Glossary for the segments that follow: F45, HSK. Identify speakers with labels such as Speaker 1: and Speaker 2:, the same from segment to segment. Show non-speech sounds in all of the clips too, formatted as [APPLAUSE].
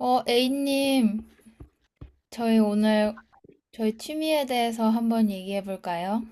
Speaker 1: A님, 저희 오늘 저희 취미에 대해서 한번 얘기해 볼까요?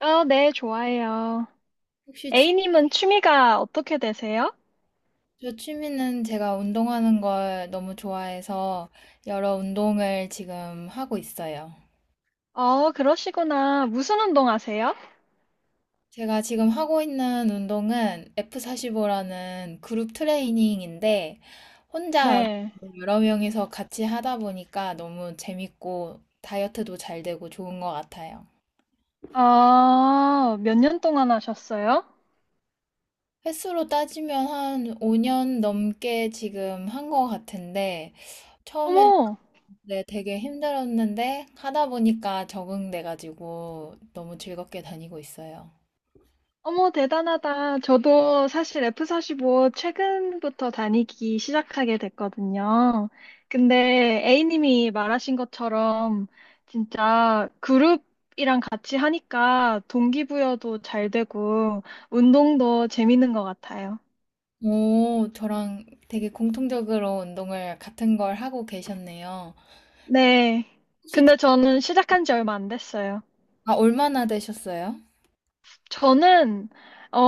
Speaker 2: 네, 좋아해요.
Speaker 1: 혹시 취,
Speaker 2: A님은 취미가 어떻게 되세요?
Speaker 1: 저 취미는 제가 운동하는 걸 너무 좋아해서 여러 운동을 지금 하고 있어요.
Speaker 2: 그러시구나. 무슨 운동 하세요?
Speaker 1: 제가 지금 하고 있는 운동은 F45라는 그룹 트레이닝인데 혼자 안
Speaker 2: 네.
Speaker 1: 하고 여러 명이서 같이 하다 보니까 너무 재밌고 다이어트도 잘 되고 좋은 것 같아요.
Speaker 2: 아, 몇 년 동안 하셨어요?
Speaker 1: 횟수로 따지면 한 5년 넘게 지금 한 것 같은데, 처음엔
Speaker 2: 어머,
Speaker 1: 네, 되게 힘들었는데, 하다 보니까 적응돼가지고 너무 즐겁게 다니고 있어요.
Speaker 2: 어머, 대단하다. 저도 사실 F45 최근부터 다니기 시작하게 됐거든요. 근데 A님이 말하신 것처럼 진짜 그룹이랑 같이 하니까 동기부여도 잘 되고 운동도 재밌는 것 같아요.
Speaker 1: 오, 저랑 되게 공통적으로 운동을 같은 걸 하고 계셨네요.
Speaker 2: 네.
Speaker 1: 혹시 다
Speaker 2: 근데 저는 시작한 지 얼마 안 됐어요.
Speaker 1: 아, 얼마나 되셨어요?
Speaker 2: 저는, 어,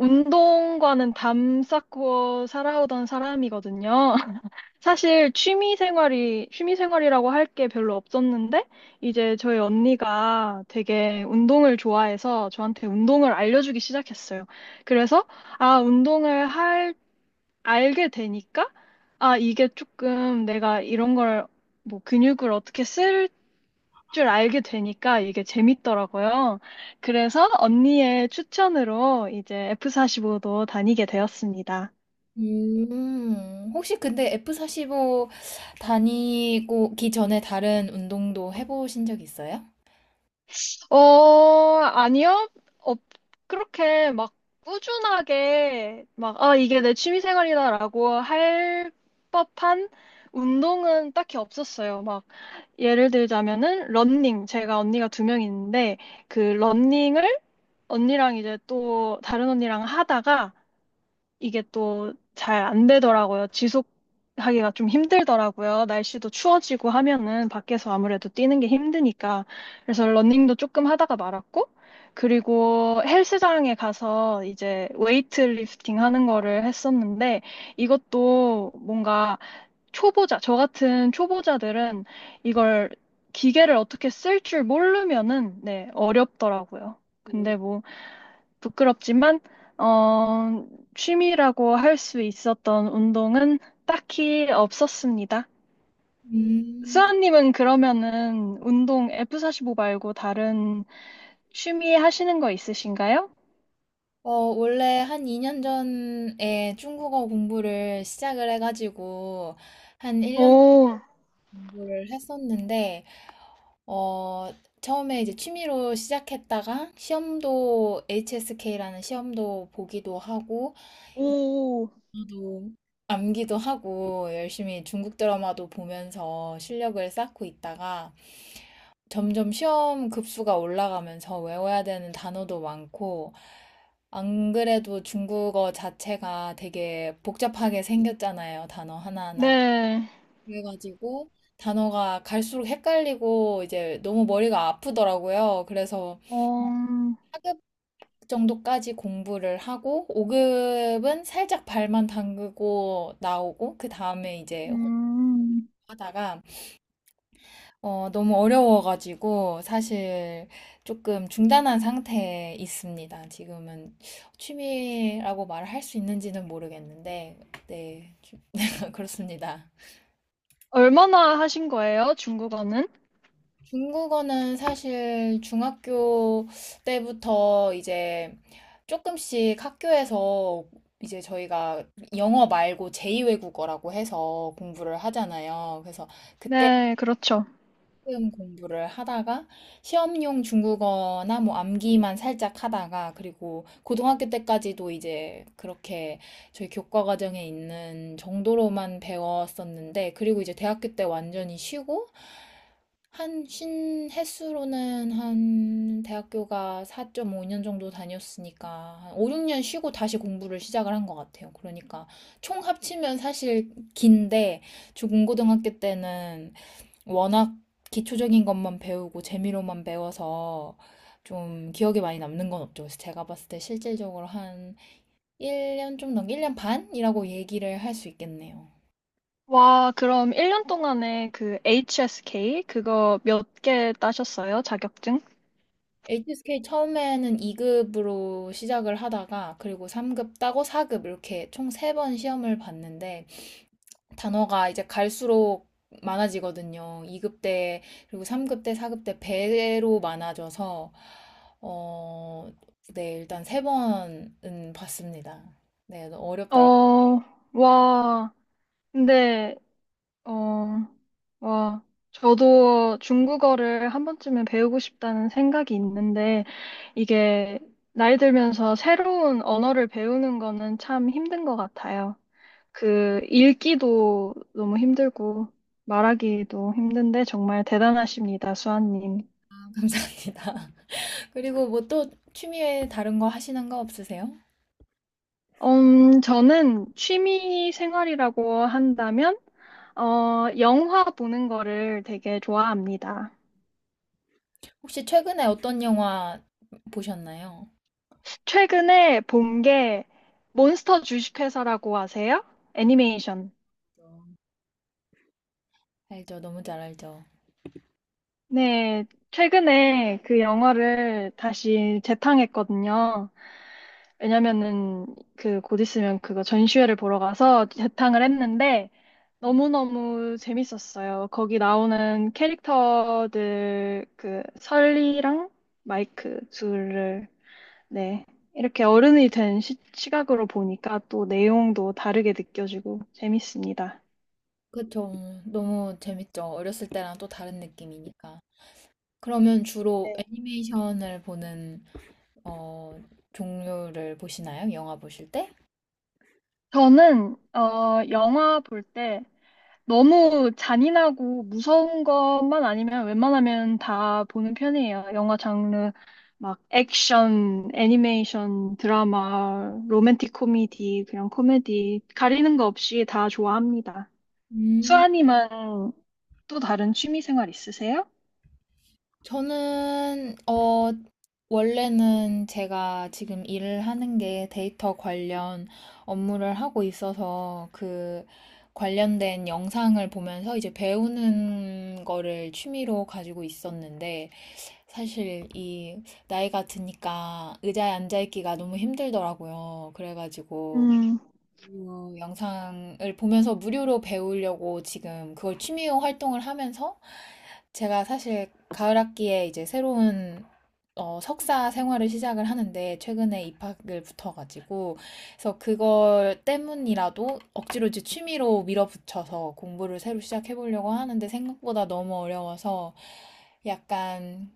Speaker 2: 운동과는 담 쌓고 살아오던 사람이거든요. [LAUGHS] 사실 취미 생활이라고 할 게 별로 없었는데, 이제 저희 언니가 되게 운동을 좋아해서 저한테 운동을 알려주기 시작했어요. 그래서, 아, 운동을 할, 알게 되니까, 이게 조금 내가 이런 걸, 뭐, 근육을 어떻게 쓸 줄 알게 되니까 이게 재밌더라고요. 그래서 언니의 추천으로 이제 F45도 다니게 되었습니다.
Speaker 1: 혹시 근데 F45 다니고 기 전에 다른 운동도 해보신 적 있어요?
Speaker 2: 아니요. 어, 그렇게 막 꾸준하게 막, 이게 내 취미생활이다라고 할 법한 운동은 딱히 없었어요. 막, 예를 들자면은, 러닝. 제가 언니가 2명 있는데, 그 러닝을 언니랑 이제 또 다른 언니랑 하다가 이게 또 잘 안 되더라고요. 지속하기가 좀 힘들더라고요. 날씨도 추워지고 하면은 밖에서 아무래도 뛰는 게 힘드니까. 그래서 러닝도 조금 하다가 말았고, 그리고 헬스장에 가서 이제 웨이트리프팅 하는 거를 했었는데, 이것도 뭔가 저 같은 초보자들은 이걸 기계를 어떻게 쓸 줄 모르면은, 네, 어렵더라고요. 근데 뭐, 부끄럽지만, 어, 취미라고 할 수 있었던 운동은 딱히 없었습니다.
Speaker 1: 음,
Speaker 2: 수아님은 그러면은 운동 F45 말고 다른 취미 하시는 거 있으신가요?
Speaker 1: 어, 원래 한 2년 전에 중국어 공부를 시작을 해가지고 한 1년
Speaker 2: 오,
Speaker 1: 공부를 했었는데, 어, 처음에 이제 취미로 시작했다가 시험도 HSK라는 시험도 보기도 하고,
Speaker 2: 오,
Speaker 1: 저도 암기도 하고 열심히 중국 드라마도 보면서 실력을 쌓고 있다가 점점 시험 급수가 올라가면서 외워야 되는 단어도 많고 안 그래도 중국어 자체가 되게 복잡하게 생겼잖아요. 단어 하나하나가.
Speaker 2: 네.
Speaker 1: 그래가지고 단어가 갈수록 헷갈리고 이제 너무 머리가 아프더라고요. 그래서
Speaker 2: 어,
Speaker 1: 정도까지 공부를 하고 5급은 살짝 발만 담그고 나오고 그 다음에 이제 혼자
Speaker 2: 음,
Speaker 1: 하다가 너무 어려워가지고 사실 조금 중단한 상태에 있습니다. 지금은 취미라고 말을 할 수 있는지는 모르겠는데 네, [LAUGHS] 네, 그렇습니다.
Speaker 2: 얼마나 하신 거예요, 중국어는?
Speaker 1: 중국어는 사실 중학교 때부터 이제 조금씩 학교에서 이제 저희가 영어 말고 제2외국어라고 해서 공부를 하잖아요. 그래서 그때
Speaker 2: 네, 그렇죠.
Speaker 1: 조금 공부를 하다가 시험용 중국어나 뭐 암기만 살짝 하다가 그리고 고등학교 때까지도 이제 그렇게 저희 교과 과정에 있는 정도로만 배웠었는데 그리고 이제 대학교 때 완전히 쉬고 한 신횟수로는 한 대학교가 4.5년 정도 다녔으니까 한 5, 6년 쉬고 다시 공부를 시작을 한 것 같아요. 그러니까 총 합치면 사실 긴데 중고등학교 때는 워낙 기초적인 것만 배우고 재미로만 배워서 좀 기억에 많이 남는 건 없죠. 그래서 제가 봤을 때 실질적으로 한 1년 좀 넘게, 1년 반이라고 얘기를 할 수 있겠네요.
Speaker 2: 와, 그럼 1년 동안에 그 HSK 그거 몇 개 따셨어요, 자격증?
Speaker 1: HSK 처음에는 2급으로 시작을 하다가 그리고 3급 따고 4급 이렇게 총 3번 시험을 봤는데 단어가 이제 갈수록 많아지거든요. 2급 때 그리고 3급 때 4급 때 배로 많아져서 어, 네, 일단 3번은 봤습니다. 네, 너무 어렵더라고요.
Speaker 2: 어, 와, 근데, 어, 와, 저도 중국어를 한 번쯤은 배우고 싶다는 생각이 있는데, 이게 나이 들면서 새로운 언어를 배우는 거는 참 힘든 것 같아요. 그, 읽기도 너무 힘들고, 말하기도 힘든데, 정말 대단하십니다, 수아님.
Speaker 1: [LAUGHS] 감사합니다. [LAUGHS] 그리고 뭐 또 취미 외에 다른 거 하시는 거 없으세요?
Speaker 2: 저는 취미 생활이라고 한다면, 영화 보는 거를 되게 좋아합니다.
Speaker 1: 혹시 최근에 어떤 영화 보셨나요?
Speaker 2: 최근에 본 게 몬스터 주식회사라고 아세요? 애니메이션.
Speaker 1: 알죠. 너무 잘 알죠.
Speaker 2: 네, 최근에 그 영화를 다시 재탕했거든요. 왜냐면은 그 곧 있으면 그거 전시회를 보러 가서 재탕을 했는데 너무너무 재밌었어요. 거기 나오는 캐릭터들 그 설리랑 마이크 둘을 네. 이렇게 어른이 된 시, 시각으로 보니까 또 내용도 다르게 느껴지고 재밌습니다.
Speaker 1: 그쵸. 너무 재밌죠. 어렸을 때랑 또 다른 느낌이니까. 그러면 주로
Speaker 2: 네.
Speaker 1: 애니메이션을 보는 어, 종류를 보시나요? 영화 보실 때?
Speaker 2: 저는 영화 볼 때 너무 잔인하고 무서운 것만 아니면 웬만하면 다 보는 편이에요. 영화 장르 막 액션, 애니메이션, 드라마, 로맨틱 코미디, 그냥 코미디 가리는 거 없이 다 좋아합니다.
Speaker 1: 음,
Speaker 2: 수아님은 또 다른 취미 생활 있으세요?
Speaker 1: 저는 원래는 제가 지금 일을 하는 게 데이터 관련 업무를 하고 있어서 그 관련된 영상을 보면서 이제 배우는 거를 취미로 가지고 있었는데 사실 이 나이가 드니까 의자에 앉아 있기가 너무 힘들더라고요. 그래가지고
Speaker 2: 음.
Speaker 1: 그 영상을 보면서 무료로 배우려고 지금 그걸 취미 활동을 하면서 제가 사실 가을 학기에 이제 새로운 석사 생활을 시작을 하는데 최근에 입학을 붙어가지고 그래서 그걸 때문이라도 억지로 이제 취미로 밀어붙여서 공부를 새로 시작해보려고 하는데 생각보다 너무 어려워서 약간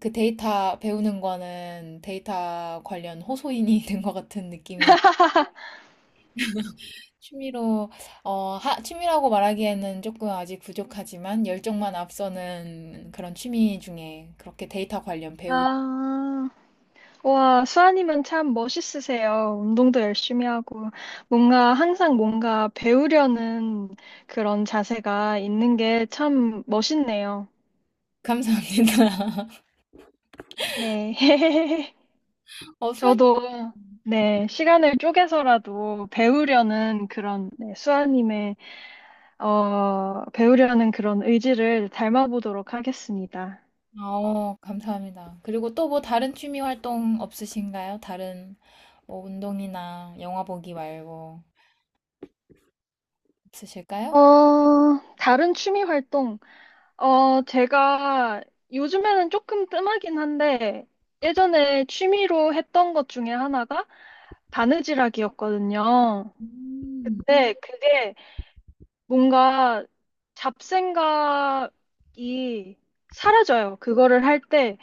Speaker 1: 그 데이터 배우는 거는 데이터 관련 호소인이 [LAUGHS] 된 것 같은 느낌이 취미로, 취미라고 말하기에는 조금 아직 부족하지만 열정만 앞서는 그런 취미 중에 그렇게 데이터 관련 배우기.
Speaker 2: 아, 와, 수아님은 참 멋있으세요. 운동도 열심히 하고, 뭔가 항상 뭔가 배우려는 그런 자세가 있는 게 참 멋있네요.
Speaker 1: 감사합니다. [LAUGHS]
Speaker 2: 네. [LAUGHS]
Speaker 1: 수아님,
Speaker 2: 저도, 네, 시간을 쪼개서라도 배우려는 그런, 네, 수아님의, 배우려는 그런 의지를 닮아보도록 하겠습니다.
Speaker 1: 감사합니다. 그리고 또 뭐 다른 취미 활동 없으신가요? 다른 뭐 운동이나 영화 보기 말고 없으실까요?
Speaker 2: 어, 다른 취미 활동. 제가 요즘에는 조금 뜸하긴 한데, 예전에 취미로 했던 것 중에 하나가 바느질하기였거든요.
Speaker 1: 음.
Speaker 2: 근데 그게 뭔가 잡생각이 사라져요. 그거를 할때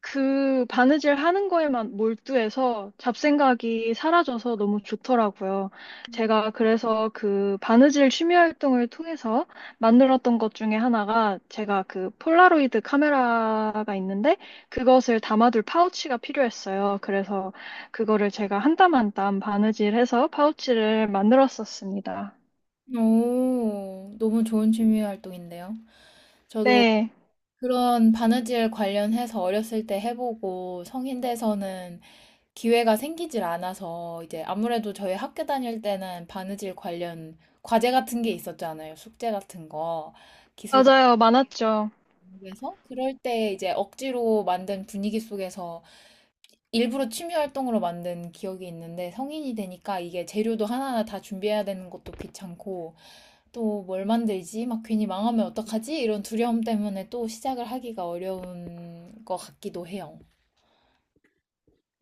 Speaker 2: 그 바느질 하는 거에만 몰두해서 잡생각이 사라져서 너무 좋더라고요. 제가 그래서 그 바느질 취미 활동을 통해서 만들었던 것 중에 하나가 제가 그 폴라로이드 카메라가 있는데 그것을 담아둘 파우치가 필요했어요. 그래서 그거를 제가 한 땀 한 땀 바느질해서 파우치를 만들었었습니다.
Speaker 1: 오, 너무 좋은 취미 활동인데요. 저도
Speaker 2: 네,
Speaker 1: 그런 바느질 관련해서 어렸을 때 해보고 성인 돼서는 기회가 생기질 않아서 이제 아무래도 저희 학교 다닐 때는 바느질 관련 과제 같은 게 있었잖아요. 숙제 같은 거. 기술과
Speaker 2: 맞아요. 많았죠.
Speaker 1: 공부해서 그럴 때 이제 억지로 만든 분위기 속에서 일부러 취미 활동으로 만든 기억이 있는데 성인이 되니까 이게 재료도 하나하나 다 준비해야 되는 것도 귀찮고 또 뭘 만들지? 막 괜히 망하면 어떡하지? 이런 두려움 때문에 또 시작을 하기가 어려운 것 같기도 해요.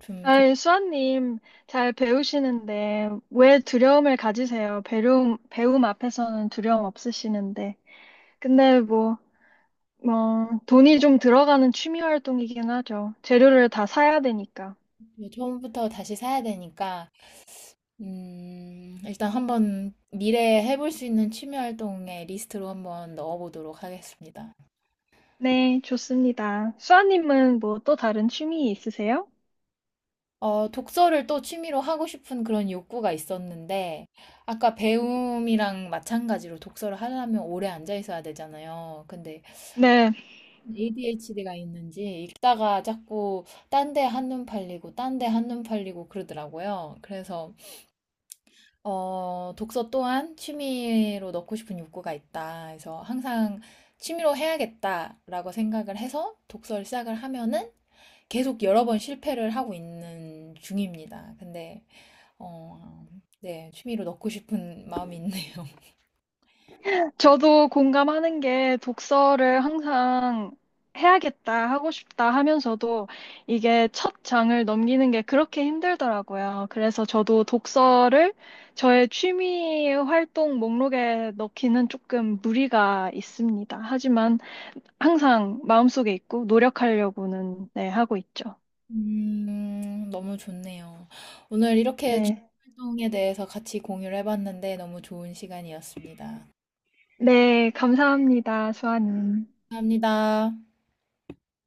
Speaker 1: 좀 조-
Speaker 2: 아이, 수아님, 잘 배우시는데, 왜 두려움을 가지세요? 배움, 배움 앞에서는 두려움 없으시는데. 근데 뭐, 돈이 좀 들어가는 취미 활동이긴 하죠. 재료를 다 사야 되니까.
Speaker 1: 처음부터 다시 사야 되니까 일단 한번 미래에 해볼 수 있는 취미 활동의 리스트로 한번 넣어보도록 하겠습니다.
Speaker 2: 네, 좋습니다. 수아님은 뭐 또 다른 취미 있으세요?
Speaker 1: 독서를 또 취미로 하고 싶은 그런 욕구가 있었는데, 아까 배움이랑 마찬가지로 독서를 하려면 오래 앉아 있어야 되잖아요. 근데
Speaker 2: 네.
Speaker 1: ADHD가 있는지 읽다가 자꾸 딴데 한눈 팔리고, 딴데 한눈 팔리고 그러더라고요. 그래서 독서 또한 취미로 넣고 싶은 욕구가 있다. 그래서 항상 취미로 해야겠다라고 생각을 해서 독서를 시작을 하면은 계속 여러 번 실패를 하고 있는 중입니다. 근데, 어, 네, 취미로 넣고 싶은 [LAUGHS] 마음이 있네요.
Speaker 2: 저도 공감하는 게 독서를 항상 해야겠다, 하고 싶다 하면서도 이게 첫 장을 넘기는 게 그렇게 힘들더라고요. 그래서 저도 독서를 저의 취미 활동 목록에 넣기는 조금 무리가 있습니다. 하지만 항상 마음속에 있고 노력하려고는 네, 하고 있죠.
Speaker 1: 너무 좋네요. 오늘 이렇게 취미
Speaker 2: 네.
Speaker 1: 활동에 대해서 같이 공유를 해봤는데 너무 좋은 시간이었습니다.
Speaker 2: 네, 감사합니다, 수아님.
Speaker 1: 감사합니다.